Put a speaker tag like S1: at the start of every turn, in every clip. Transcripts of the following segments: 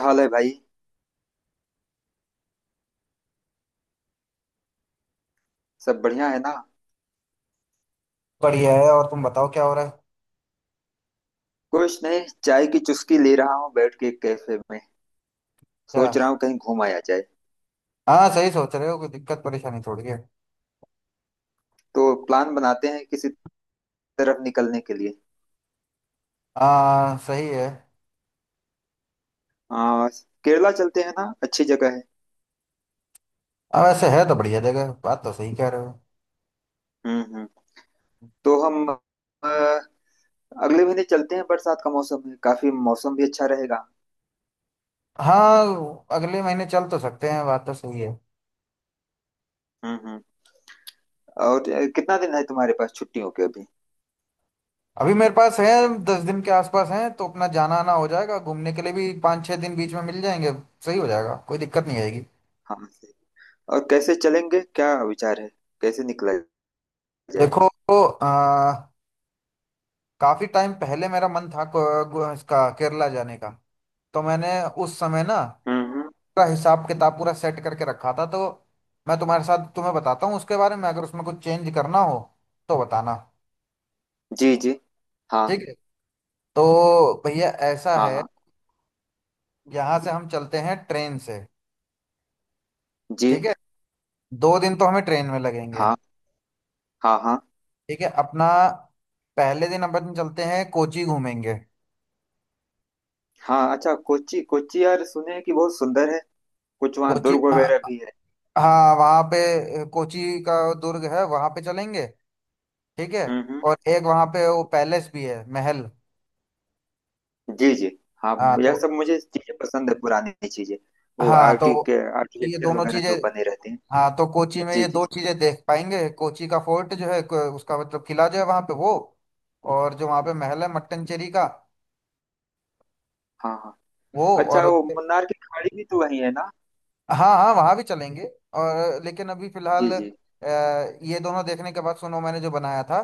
S1: हाल है भाई। सब बढ़िया है ना।
S2: बढ़िया है। और तुम बताओ क्या हो रहा है।
S1: कुछ नहीं, चाय की चुस्की ले रहा हूँ बैठ के कैफे में।
S2: क्या?
S1: सोच रहा हूँ कहीं घूम आया जाए।
S2: हाँ, सही सोच रहे हो, कोई दिक्कत परेशानी थोड़ी है।
S1: तो प्लान बनाते हैं किसी तरफ निकलने के लिए।
S2: हाँ सही है।
S1: आ, केरला चलते हैं ना, अच्छी जगह है।
S2: हाँ, वैसे है तो बढ़िया जगह, बात तो सही कह रहे हो।
S1: हम्म। तो हम अगले महीने चलते हैं, बरसात का मौसम है, काफी मौसम भी अच्छा रहेगा।
S2: हाँ, अगले महीने चल तो सकते हैं, बात तो सही है।
S1: हम्म। और कितना दिन है तुम्हारे पास छुट्टियों के अभी।
S2: अभी मेरे पास है 10 दिन के आसपास हैं, तो अपना जाना आना हो जाएगा, घूमने के लिए भी 5-6 दिन बीच में मिल जाएंगे। सही हो जाएगा, कोई दिक्कत नहीं आएगी।
S1: हम। और कैसे चलेंगे, क्या विचार है? कैसे निकला जाए?
S2: देखो, आ, काफी टाइम पहले मेरा मन था इसका केरला जाने का। तो मैंने उस समय ना
S1: हम्म।
S2: पूरा हिसाब किताब पूरा सेट करके रखा था। तो मैं तुम्हारे साथ तुम्हें बताता हूँ उसके बारे में, अगर उसमें कुछ चेंज करना हो तो बताना।
S1: जी जी। हाँ।
S2: ठीक है। तो भैया ऐसा
S1: हाँ
S2: है,
S1: हाँ।
S2: यहाँ से हम चलते हैं ट्रेन से। ठीक
S1: जी।
S2: है। 2 दिन तो हमें ट्रेन में लगेंगे।
S1: हाँ। हाँ हाँ।
S2: ठीक है अपना। पहले दिन अपन चलते हैं कोची घूमेंगे।
S1: हाँ। अच्छा, कोच्चि कोच्चि यार, सुने हैं कि बहुत सुंदर है। कुछ वहाँ
S2: कोची,
S1: दुर्ग
S2: हाँ।
S1: वगैरह भी है।
S2: हाँ, वहाँ पे कोची का दुर्ग है, वहाँ पे चलेंगे। ठीक है।
S1: हम्म।
S2: और एक वहाँ पे वो पैलेस भी है, महल।
S1: जी जी। हाँ।
S2: हाँ
S1: यह
S2: तो
S1: सब मुझे चीजें पसंद है, पुरानी चीजें। वो
S2: हाँ
S1: आर्टी के
S2: तो ये
S1: आर्किटेक्चर
S2: दोनों
S1: वगैरह
S2: चीजें।
S1: जो बने रहते हैं।
S2: हाँ, तो कोची में
S1: जी
S2: ये दो
S1: जी।
S2: चीजें देख पाएंगे, कोची का फोर्ट जो है उसका मतलब किला जो है वहां पे वो। और जो वहां पे महल है मट्टनचेरी का
S1: हाँ हाँ।
S2: वो।
S1: अच्छा,
S2: और
S1: वो
S2: उसके-
S1: मुन्नार की खाड़ी भी तो वही है ना?
S2: हाँ हाँ, वहां भी चलेंगे। और लेकिन अभी फिलहाल
S1: जी जी।
S2: अ, ये दोनों देखने के बाद सुनो मैंने जो बनाया था,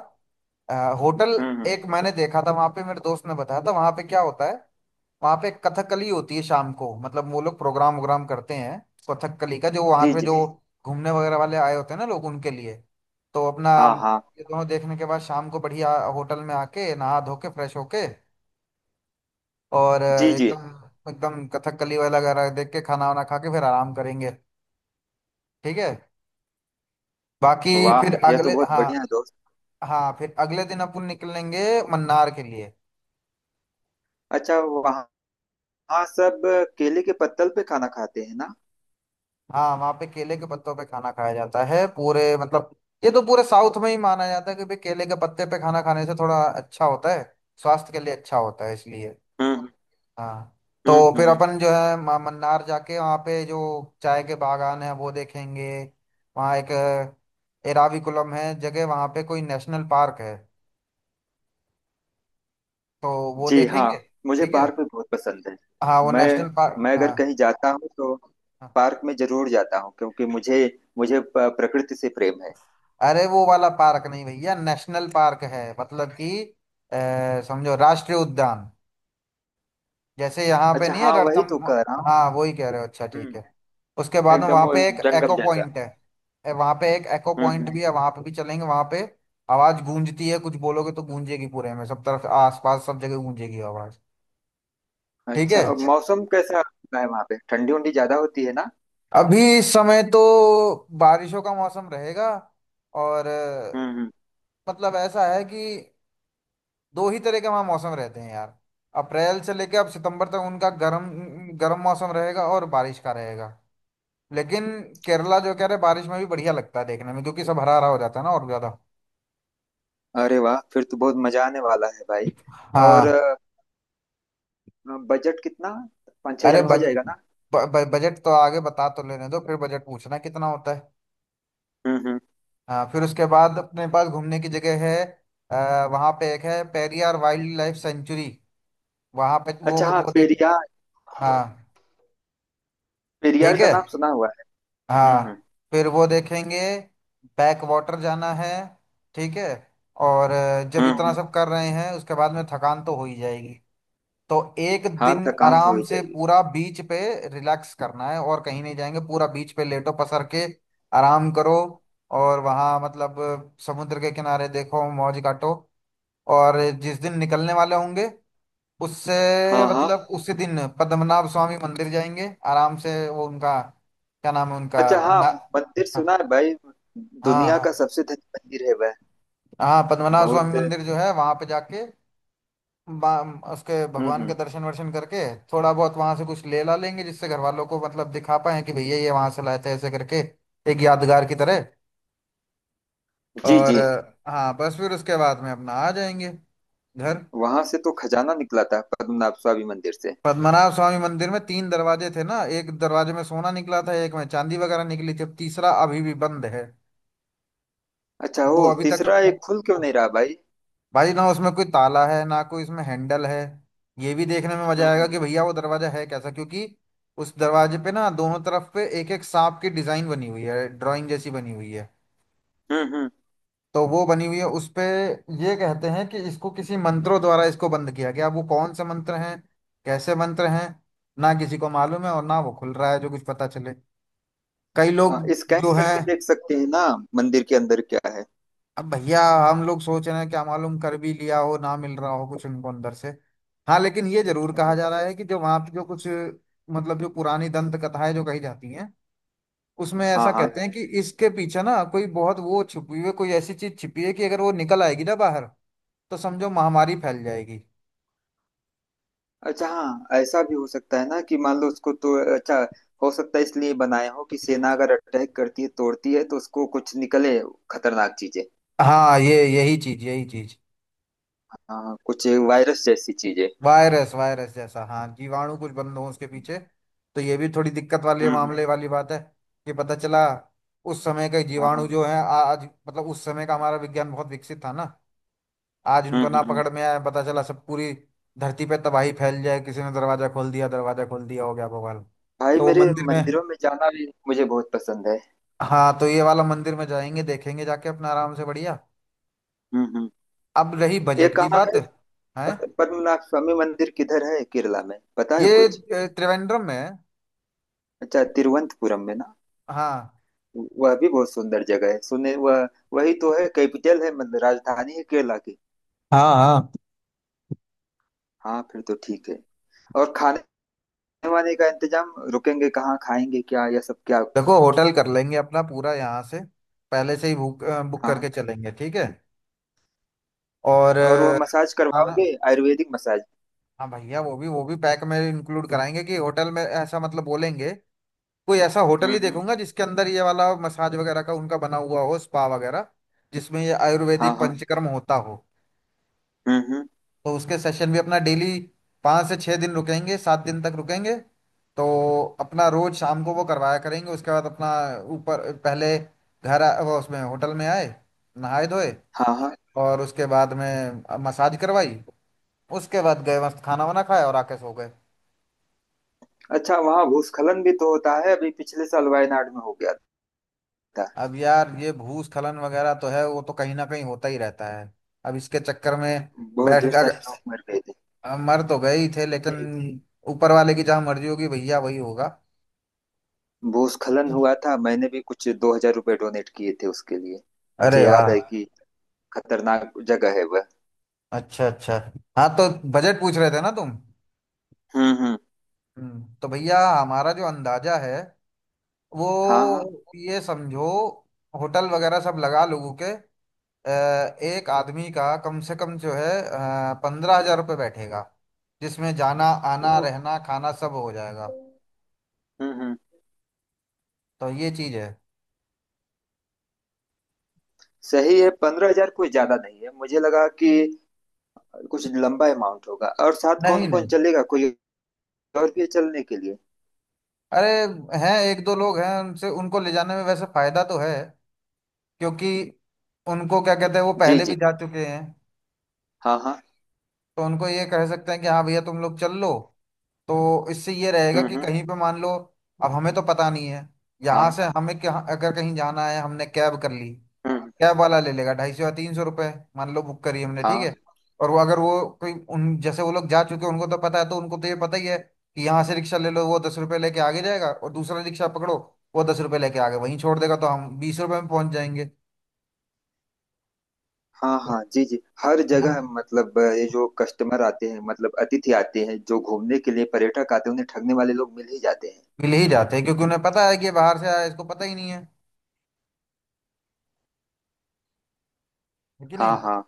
S2: अ, होटल।
S1: हम्म।
S2: एक मैंने देखा था वहां पे, मेरे दोस्त ने बताया था वहां पे क्या होता है। वहाँ पे कथकली होती है शाम को, मतलब वो लोग प्रोग्राम वोग्राम करते हैं कथकली का। जो वहाँ
S1: जी
S2: पे
S1: जी।
S2: जो घूमने वगैरह वाले आए होते हैं ना लोग, उनके लिए। तो अपना
S1: हाँ हाँ।
S2: ये दोनों देखने के बाद शाम को बढ़िया होटल में आके नहा धो के फ्रेश होके और
S1: जी जी।
S2: एकदम एकदम कथकली वाला वगैरह देख के खाना वाना खा के फिर आराम करेंगे। ठीक है। बाकी
S1: वाह,
S2: फिर
S1: यह
S2: अगले,
S1: तो बहुत
S2: हाँ।
S1: बढ़िया है दोस्त।
S2: हाँ, फिर अगले दिन अपन निकलेंगे मन्नार के लिए।
S1: अच्छा, वहाँ वहाँ सब केले के पत्तल पे खाना खाते हैं ना?
S2: हाँ, वहाँ पे केले के पत्तों पे खाना खाया जाता है पूरे, मतलब ये तो पूरे साउथ में ही माना जाता है कि भाई केले के पत्ते पे खाना खाने से थोड़ा अच्छा होता है, स्वास्थ्य के लिए अच्छा होता है, इसलिए।
S1: हम्म।
S2: हाँ। तो
S1: हम्म
S2: फिर
S1: हम्म।
S2: अपन जो है मन्नार जाके वहाँ पे जो चाय के बागान है वो देखेंगे। वहाँ एक एराविकुलम है जगह, वहाँ पे कोई नेशनल पार्क है। तो वो
S1: जी हाँ।
S2: देखेंगे।
S1: मुझे
S2: ठीक है।
S1: पार्क में बहुत पसंद है।
S2: हाँ, वो
S1: मैं
S2: नेशनल पार्क,
S1: मैं अगर कहीं
S2: हाँ।
S1: जाता हूँ तो
S2: हाँ।
S1: पार्क में जरूर जाता हूँ, क्योंकि मुझे मुझे प- प्रकृति से प्रेम है।
S2: अरे वो वाला पार्क नहीं भैया, नेशनल पार्क है, मतलब कि समझो राष्ट्रीय उद्यान, जैसे यहाँ पे
S1: अच्छा
S2: नहीं है
S1: हाँ, वही तो
S2: रणथम।
S1: कह रहा हूँ।
S2: हाँ वही कह रहे हो, अच्छा ठीक है।
S1: हम्म।
S2: उसके बाद में
S1: एकदम
S2: वहाँ
S1: वो
S2: पे एक
S1: जंगल
S2: एको
S1: जैसा।
S2: पॉइंट है। वहाँ पे एक एको पॉइंट
S1: हम्म।
S2: भी है, वहाँ पे भी चलेंगे। वहाँ पे आवाज गूंजती है, कुछ बोलोगे तो गूंजेगी पूरे में, सब तरफ आसपास सब जगह गूंजेगी आवाज। ठीक
S1: अच्छा, और
S2: है।
S1: मौसम कैसा होता है वहाँ पे, ठंडी उंडी ज्यादा होती है ना?
S2: अभी इस समय तो बारिशों का मौसम रहेगा और
S1: हम्म।
S2: मतलब ऐसा है कि दो ही तरह के वहाँ मौसम रहते हैं यार। अप्रैल से लेके अब सितंबर तक उनका गर्म गर्म मौसम रहेगा और बारिश का रहेगा। लेकिन केरला जो कह रहे बारिश में भी बढ़िया लगता है देखने में, क्योंकि सब हरा हरा हो जाता है ना, और ज्यादा।
S1: अरे वाह, फिर तो बहुत मजा आने वाला है भाई। और
S2: हाँ।
S1: बजट कितना, पाँच छह
S2: अरे
S1: हजार में हो जाएगा ना?
S2: बजट तो आगे बता तो लेने दो, फिर बजट पूछना कितना होता है।
S1: हम्म।
S2: हाँ, फिर उसके बाद अपने पास घूमने की जगह है। वहाँ पे एक है पेरियार वाइल्ड लाइफ सेंचुरी, वहाँ पे
S1: अच्छा हाँ,
S2: वो देख।
S1: पेरियार
S2: हाँ।
S1: पेरियार
S2: ठीक
S1: का
S2: है,
S1: नाम सुना हुआ है। हम्म।
S2: हाँ। फिर वो देखेंगे। बैक वाटर जाना है। ठीक है। और जब इतना
S1: हम्म,
S2: सब कर रहे हैं उसके बाद में थकान तो हो ही जाएगी। तो एक
S1: हाँ,
S2: दिन
S1: थकान तो हो
S2: आराम
S1: ही
S2: से
S1: जाएगी।
S2: पूरा बीच पे रिलैक्स करना है और कहीं नहीं जाएंगे, पूरा बीच पे लेटो पसर के आराम करो। और वहाँ मतलब समुद्र के किनारे देखो मौज काटो। और जिस दिन निकलने वाले होंगे उससे,
S1: हाँ हाँ।
S2: मतलब उसी दिन पद्मनाभ स्वामी मंदिर जाएंगे आराम से, वो उनका क्या नाम है
S1: अच्छा
S2: उनका,
S1: हाँ।
S2: ना।
S1: मंदिर सुना है भाई।
S2: हाँ
S1: दुनिया
S2: हाँ।
S1: का सबसे धनी मंदिर है वह।
S2: हाँ, पद्मनाभ
S1: बहुत।
S2: स्वामी मंदिर जो है वहां पे जाके उसके भगवान के
S1: हम्म।
S2: दर्शन वर्शन करके थोड़ा बहुत वहां से कुछ ले ला लेंगे, जिससे घर वालों को मतलब दिखा पाए कि भैया ये वहां से लाए थे ऐसे करके, एक यादगार की तरह।
S1: जी
S2: और
S1: जी।
S2: हाँ, बस फिर उसके बाद में अपना आ जाएंगे घर।
S1: वहां से तो खजाना निकला था पद्मनाभ स्वामी मंदिर से।
S2: पद्मनाभ स्वामी मंदिर में तीन दरवाजे थे ना, एक दरवाजे में सोना निकला था, एक में चांदी वगैरह निकली थी, अब तीसरा अभी भी बंद है।
S1: अच्छा, ओ
S2: वो अभी तक
S1: तीसरा
S2: वो,
S1: एक खुल क्यों नहीं रहा भाई?
S2: भाई ना उसमें कोई ताला है ना कोई इसमें हैंडल है। ये भी देखने में मजा आएगा
S1: हम्म।
S2: कि भैया वो दरवाजा है कैसा, क्योंकि उस दरवाजे पे ना दोनों तरफ पे एक एक सांप की डिजाइन बनी हुई है, ड्राइंग जैसी बनी हुई है।
S1: हम्म हम्म।
S2: तो वो बनी हुई है उस पे। ये कहते हैं कि इसको किसी मंत्रों द्वारा इसको बंद किया गया, अब वो कौन से मंत्र हैं, कैसे मंत्र हैं, ना किसी को मालूम है और ना वो खुल रहा है जो कुछ पता चले। कई लोग
S1: हाँ, स्कैन
S2: जो हैं,
S1: करके देख सकते हैं ना, मंदिर के अंदर क्या है।
S2: अब भैया हम लोग सोच रहे हैं क्या मालूम कर भी लिया हो, ना मिल रहा हो कुछ उनको अंदर से। हाँ, लेकिन ये जरूर कहा
S1: अच्छा।
S2: जा रहा है कि जो वहाँ पे जो कुछ, मतलब जो पुरानी दंत कथाएं जो कही जाती हैं उसमें
S1: हाँ
S2: ऐसा
S1: हाँ।
S2: कहते हैं कि इसके पीछे ना कोई बहुत वो छुपी हुई कोई ऐसी चीज छिपी है कि अगर वो निकल आएगी ना बाहर, तो समझो महामारी फैल जाएगी।
S1: अच्छा हाँ, ऐसा भी हो सकता है ना कि मान लो उसको, तो अच्छा हो सकता है इसलिए बनाए हो कि सेना अगर अटैक करती है, तोड़ती है तो उसको कुछ निकले, खतरनाक चीजें।
S2: हाँ, ये यही चीज यही चीज,
S1: हाँ, कुछ वायरस जैसी चीजें।
S2: वायरस वायरस जैसा, हाँ जीवाणु कुछ बंद हो उसके पीछे, तो ये भी थोड़ी दिक्कत वाले
S1: हम्म हम्म,
S2: मामले वाली बात है कि पता चला उस समय के
S1: हाँ हाँ।
S2: जीवाणु जो है आज, मतलब उस समय का हमारा विज्ञान बहुत विकसित था ना, आज उनको ना
S1: हम्म। हम्म।
S2: पकड़ में आया, पता चला सब पूरी धरती पे तबाही फैल जाए, किसी ने दरवाजा खोल दिया, दरवाजा खोल दिया, हो गया भगवान।
S1: भाई
S2: तो वो
S1: मेरे,
S2: मंदिर में,
S1: मंदिरों में जाना भी मुझे बहुत पसंद है।
S2: हाँ तो ये वाला मंदिर में जाएंगे देखेंगे जाके अपना आराम से बढ़िया।
S1: हम्म हम्म।
S2: अब रही
S1: ये
S2: बजट की
S1: कहाँ
S2: बात,
S1: है,
S2: है
S1: पद्मनाभ स्वामी मंदिर किधर है केरला में, पता है
S2: ये
S1: कुछ?
S2: त्रिवेंद्रम में है।
S1: अच्छा, तिरुवनंतपुरम में ना?
S2: हाँ
S1: वह भी बहुत सुंदर जगह है सुने वह। वही तो है, कैपिटल है, मतलब राजधानी है केरला की।
S2: हाँ। हाँ,
S1: हाँ फिर तो ठीक है। और खाने वाने का इंतजाम, रुकेंगे कहाँ, खाएंगे क्या, यह सब क्या?
S2: देखो होटल कर लेंगे अपना पूरा यहाँ से पहले से ही बुक,
S1: हाँ।
S2: करके चलेंगे। ठीक है। और
S1: और वह मसाज
S2: खाना,
S1: करवाओगे, आयुर्वेदिक मसाज?
S2: हाँ भैया, वो भी पैक में इंक्लूड कराएंगे कि होटल में, ऐसा मतलब बोलेंगे कोई ऐसा होटल ही
S1: हम्म।
S2: देखूंगा जिसके अंदर ये वाला मसाज वगैरह का उनका बना हुआ हो, स्पा वगैरह जिसमें ये
S1: हाँ
S2: आयुर्वेदिक
S1: हाँ।
S2: पंचकर्म होता हो।
S1: हम्म।
S2: तो उसके सेशन भी अपना डेली, 5 से 6 दिन रुकेंगे, 7 दिन तक रुकेंगे। तो अपना रोज शाम को वो करवाया करेंगे। उसके बाद अपना ऊपर पहले घर वो उसमें होटल में आए, नहाए धोए
S1: हाँ हाँ।
S2: और उसके बाद में मसाज करवाई, उसके बाद गए मस्त खाना वाना खाया और आके सो गए।
S1: अच्छा, वहाँ भूस्खलन भी तो होता है, अभी पिछले साल वायनाड में हो गया था।
S2: अब यार ये भूस्खलन वगैरह तो है, वो तो कहीं ना कहीं होता ही रहता है। अब इसके चक्कर में
S1: बहुत
S2: बैठ
S1: ढेर
S2: कर,
S1: सारे लोग मर गए थे।
S2: मर तो गए ही थे, लेकिन
S1: जी।
S2: ऊपर वाले की जहाँ मर्जी होगी भैया वही होगा।
S1: भूस्खलन हुआ था, मैंने भी कुछ 2,000 रुपये डोनेट किए थे उसके लिए। मुझे
S2: अरे
S1: याद
S2: वाह।
S1: है कि। खतरनाक जगह है वह।
S2: अच्छा अच्छा। हाँ तो बजट पूछ रहे थे ना तुम।
S1: हम्म।
S2: तो भैया हमारा जो अंदाजा है
S1: हाँ हाँ।
S2: वो, ये समझो, होटल वगैरह सब लगा लोगों के, अ, एक आदमी का कम से कम जो है 15,000 रुपये बैठेगा, जिसमें जाना आना
S1: ओ।
S2: रहना खाना सब हो जाएगा।
S1: हम्म।
S2: तो ये चीज है।
S1: सही है, 15,000 कोई ज्यादा नहीं है। मुझे लगा कि कुछ लंबा अमाउंट होगा। और साथ
S2: नहीं
S1: कौन कौन
S2: नहीं,
S1: चलेगा, कोई और भी है चलने के लिए?
S2: अरे हैं, एक दो लोग हैं उनसे, उनको ले जाने में वैसे फायदा तो है क्योंकि उनको क्या कहते हैं, वो
S1: जी
S2: पहले भी
S1: जी।
S2: जा चुके हैं,
S1: हाँ हाँ।
S2: तो उनको ये कह सकते हैं कि हाँ भैया तुम लोग चल लो। तो इससे ये रहेगा कि
S1: हम्म।
S2: कहीं पे मान लो, अब हमें तो पता नहीं है, यहाँ
S1: हाँ।
S2: से हमें क्या, अगर कहीं जाना है हमने कैब कर ली,
S1: हम्म।
S2: कैब वाला ले लेगा 250 या 300 रुपये, मान लो बुक करी हमने, ठीक
S1: हाँ
S2: है। और वो अगर वो कोई, उन जैसे वो लोग जा चुके हैं उनको तो पता है, तो उनको तो ये पता ही है कि यहाँ से रिक्शा ले लो, वो 10 रुपये लेके आगे जाएगा और दूसरा रिक्शा पकड़ो, वो 10 रुपये लेके आगे वहीं छोड़ देगा, तो हम 20 रुपये में पहुंच जाएंगे।
S1: हाँ।
S2: तो
S1: हाँ। जी जी। हर जगह
S2: हम
S1: मतलब ये जो कस्टमर आते हैं, मतलब अतिथि आते हैं जो घूमने के लिए पर्यटक आते हैं, उन्हें ठगने वाले लोग मिल ही जाते हैं।
S2: मिल ही जाते हैं क्योंकि उन्हें पता है कि ये बाहर से आया है, इसको पता ही नहीं है, है कि
S1: हाँ
S2: नहीं।
S1: हाँ।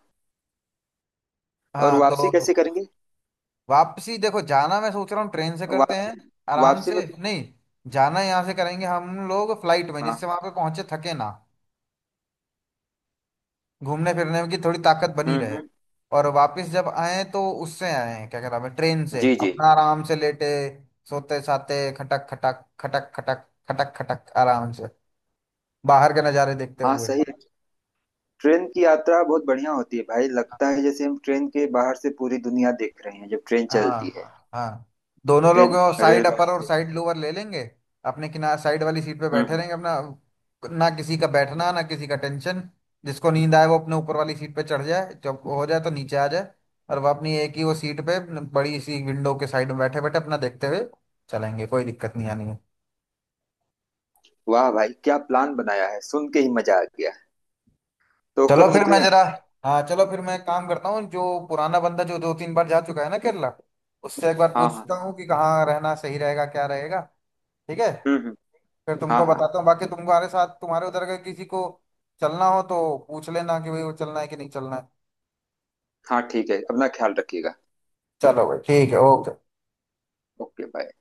S1: और
S2: हाँ तो
S1: वापसी कैसे करेंगे?
S2: वापसी देखो, जाना मैं सोच रहा हूँ ट्रेन से करते
S1: वापसी
S2: हैं आराम
S1: वापसी में
S2: से।
S1: कुछ।
S2: नहीं, जाना यहाँ से करेंगे हम लोग फ्लाइट में,
S1: हाँ।
S2: जिससे वहां पे पहुंचे थके ना, घूमने फिरने की थोड़ी ताकत बनी रहे।
S1: हम्म।
S2: और वापस जब आए तो उससे आए, क्या कहते हैं ट्रेन से,
S1: जी जी।
S2: अपना आराम से लेटे सोते साते, खटक खटक खटक खटक खटक खटक, आराम से बाहर के नज़ारे देखते
S1: हाँ
S2: हुए।
S1: सही है। ट्रेन की यात्रा बहुत बढ़िया होती है भाई, लगता है जैसे हम ट्रेन के बाहर से पूरी दुनिया देख रहे हैं जब ट्रेन
S2: हाँ
S1: चलती है।
S2: हाँ हाँ। दोनों लोग
S1: रेल
S2: साइड अपर
S1: रेलगाड़ी
S2: और
S1: से।
S2: साइड लोअर ले लेंगे, अपने किनारे साइड वाली सीट पे
S1: हम्म
S2: बैठे
S1: हम्म।
S2: रहेंगे अपना। ना किसी का बैठना ना किसी का टेंशन, जिसको नींद आए वो अपने ऊपर वाली सीट पे चढ़ जाए, जब हो जाए तो नीचे आ जाए। और वो अपनी एक ही वो सीट पे, बड़ी सी विंडो के साइड में बैठे बैठे अपना देखते हुए चलेंगे, कोई दिक्कत नहीं आनी है।
S1: वाह भाई, क्या प्लान बनाया है, सुन के ही मजा आ गया। तो
S2: चलो
S1: कब
S2: फिर मैं
S1: निकलें?
S2: जरा, हाँ चलो फिर मैं काम करता हूँ, जो पुराना बंदा जो दो तीन बार जा चुका है ना केरला, उससे एक बार
S1: हाँ हाँ।
S2: पूछता हूँ कि कहाँ रहना सही रहेगा क्या रहेगा। ठीक है।
S1: हम्म।
S2: फिर
S1: हाँ
S2: तुमको
S1: हाँ।
S2: बताता हूँ। बाकी तुम्हारे साथ तुम्हारे उधर का किसी को चलना हो तो पूछ लेना कि भाई वो चलना है कि नहीं चलना है।
S1: हाँ ठीक है, अपना ख्याल रखिएगा।
S2: चलो भाई ठीक है, ओके।
S1: Okay bye.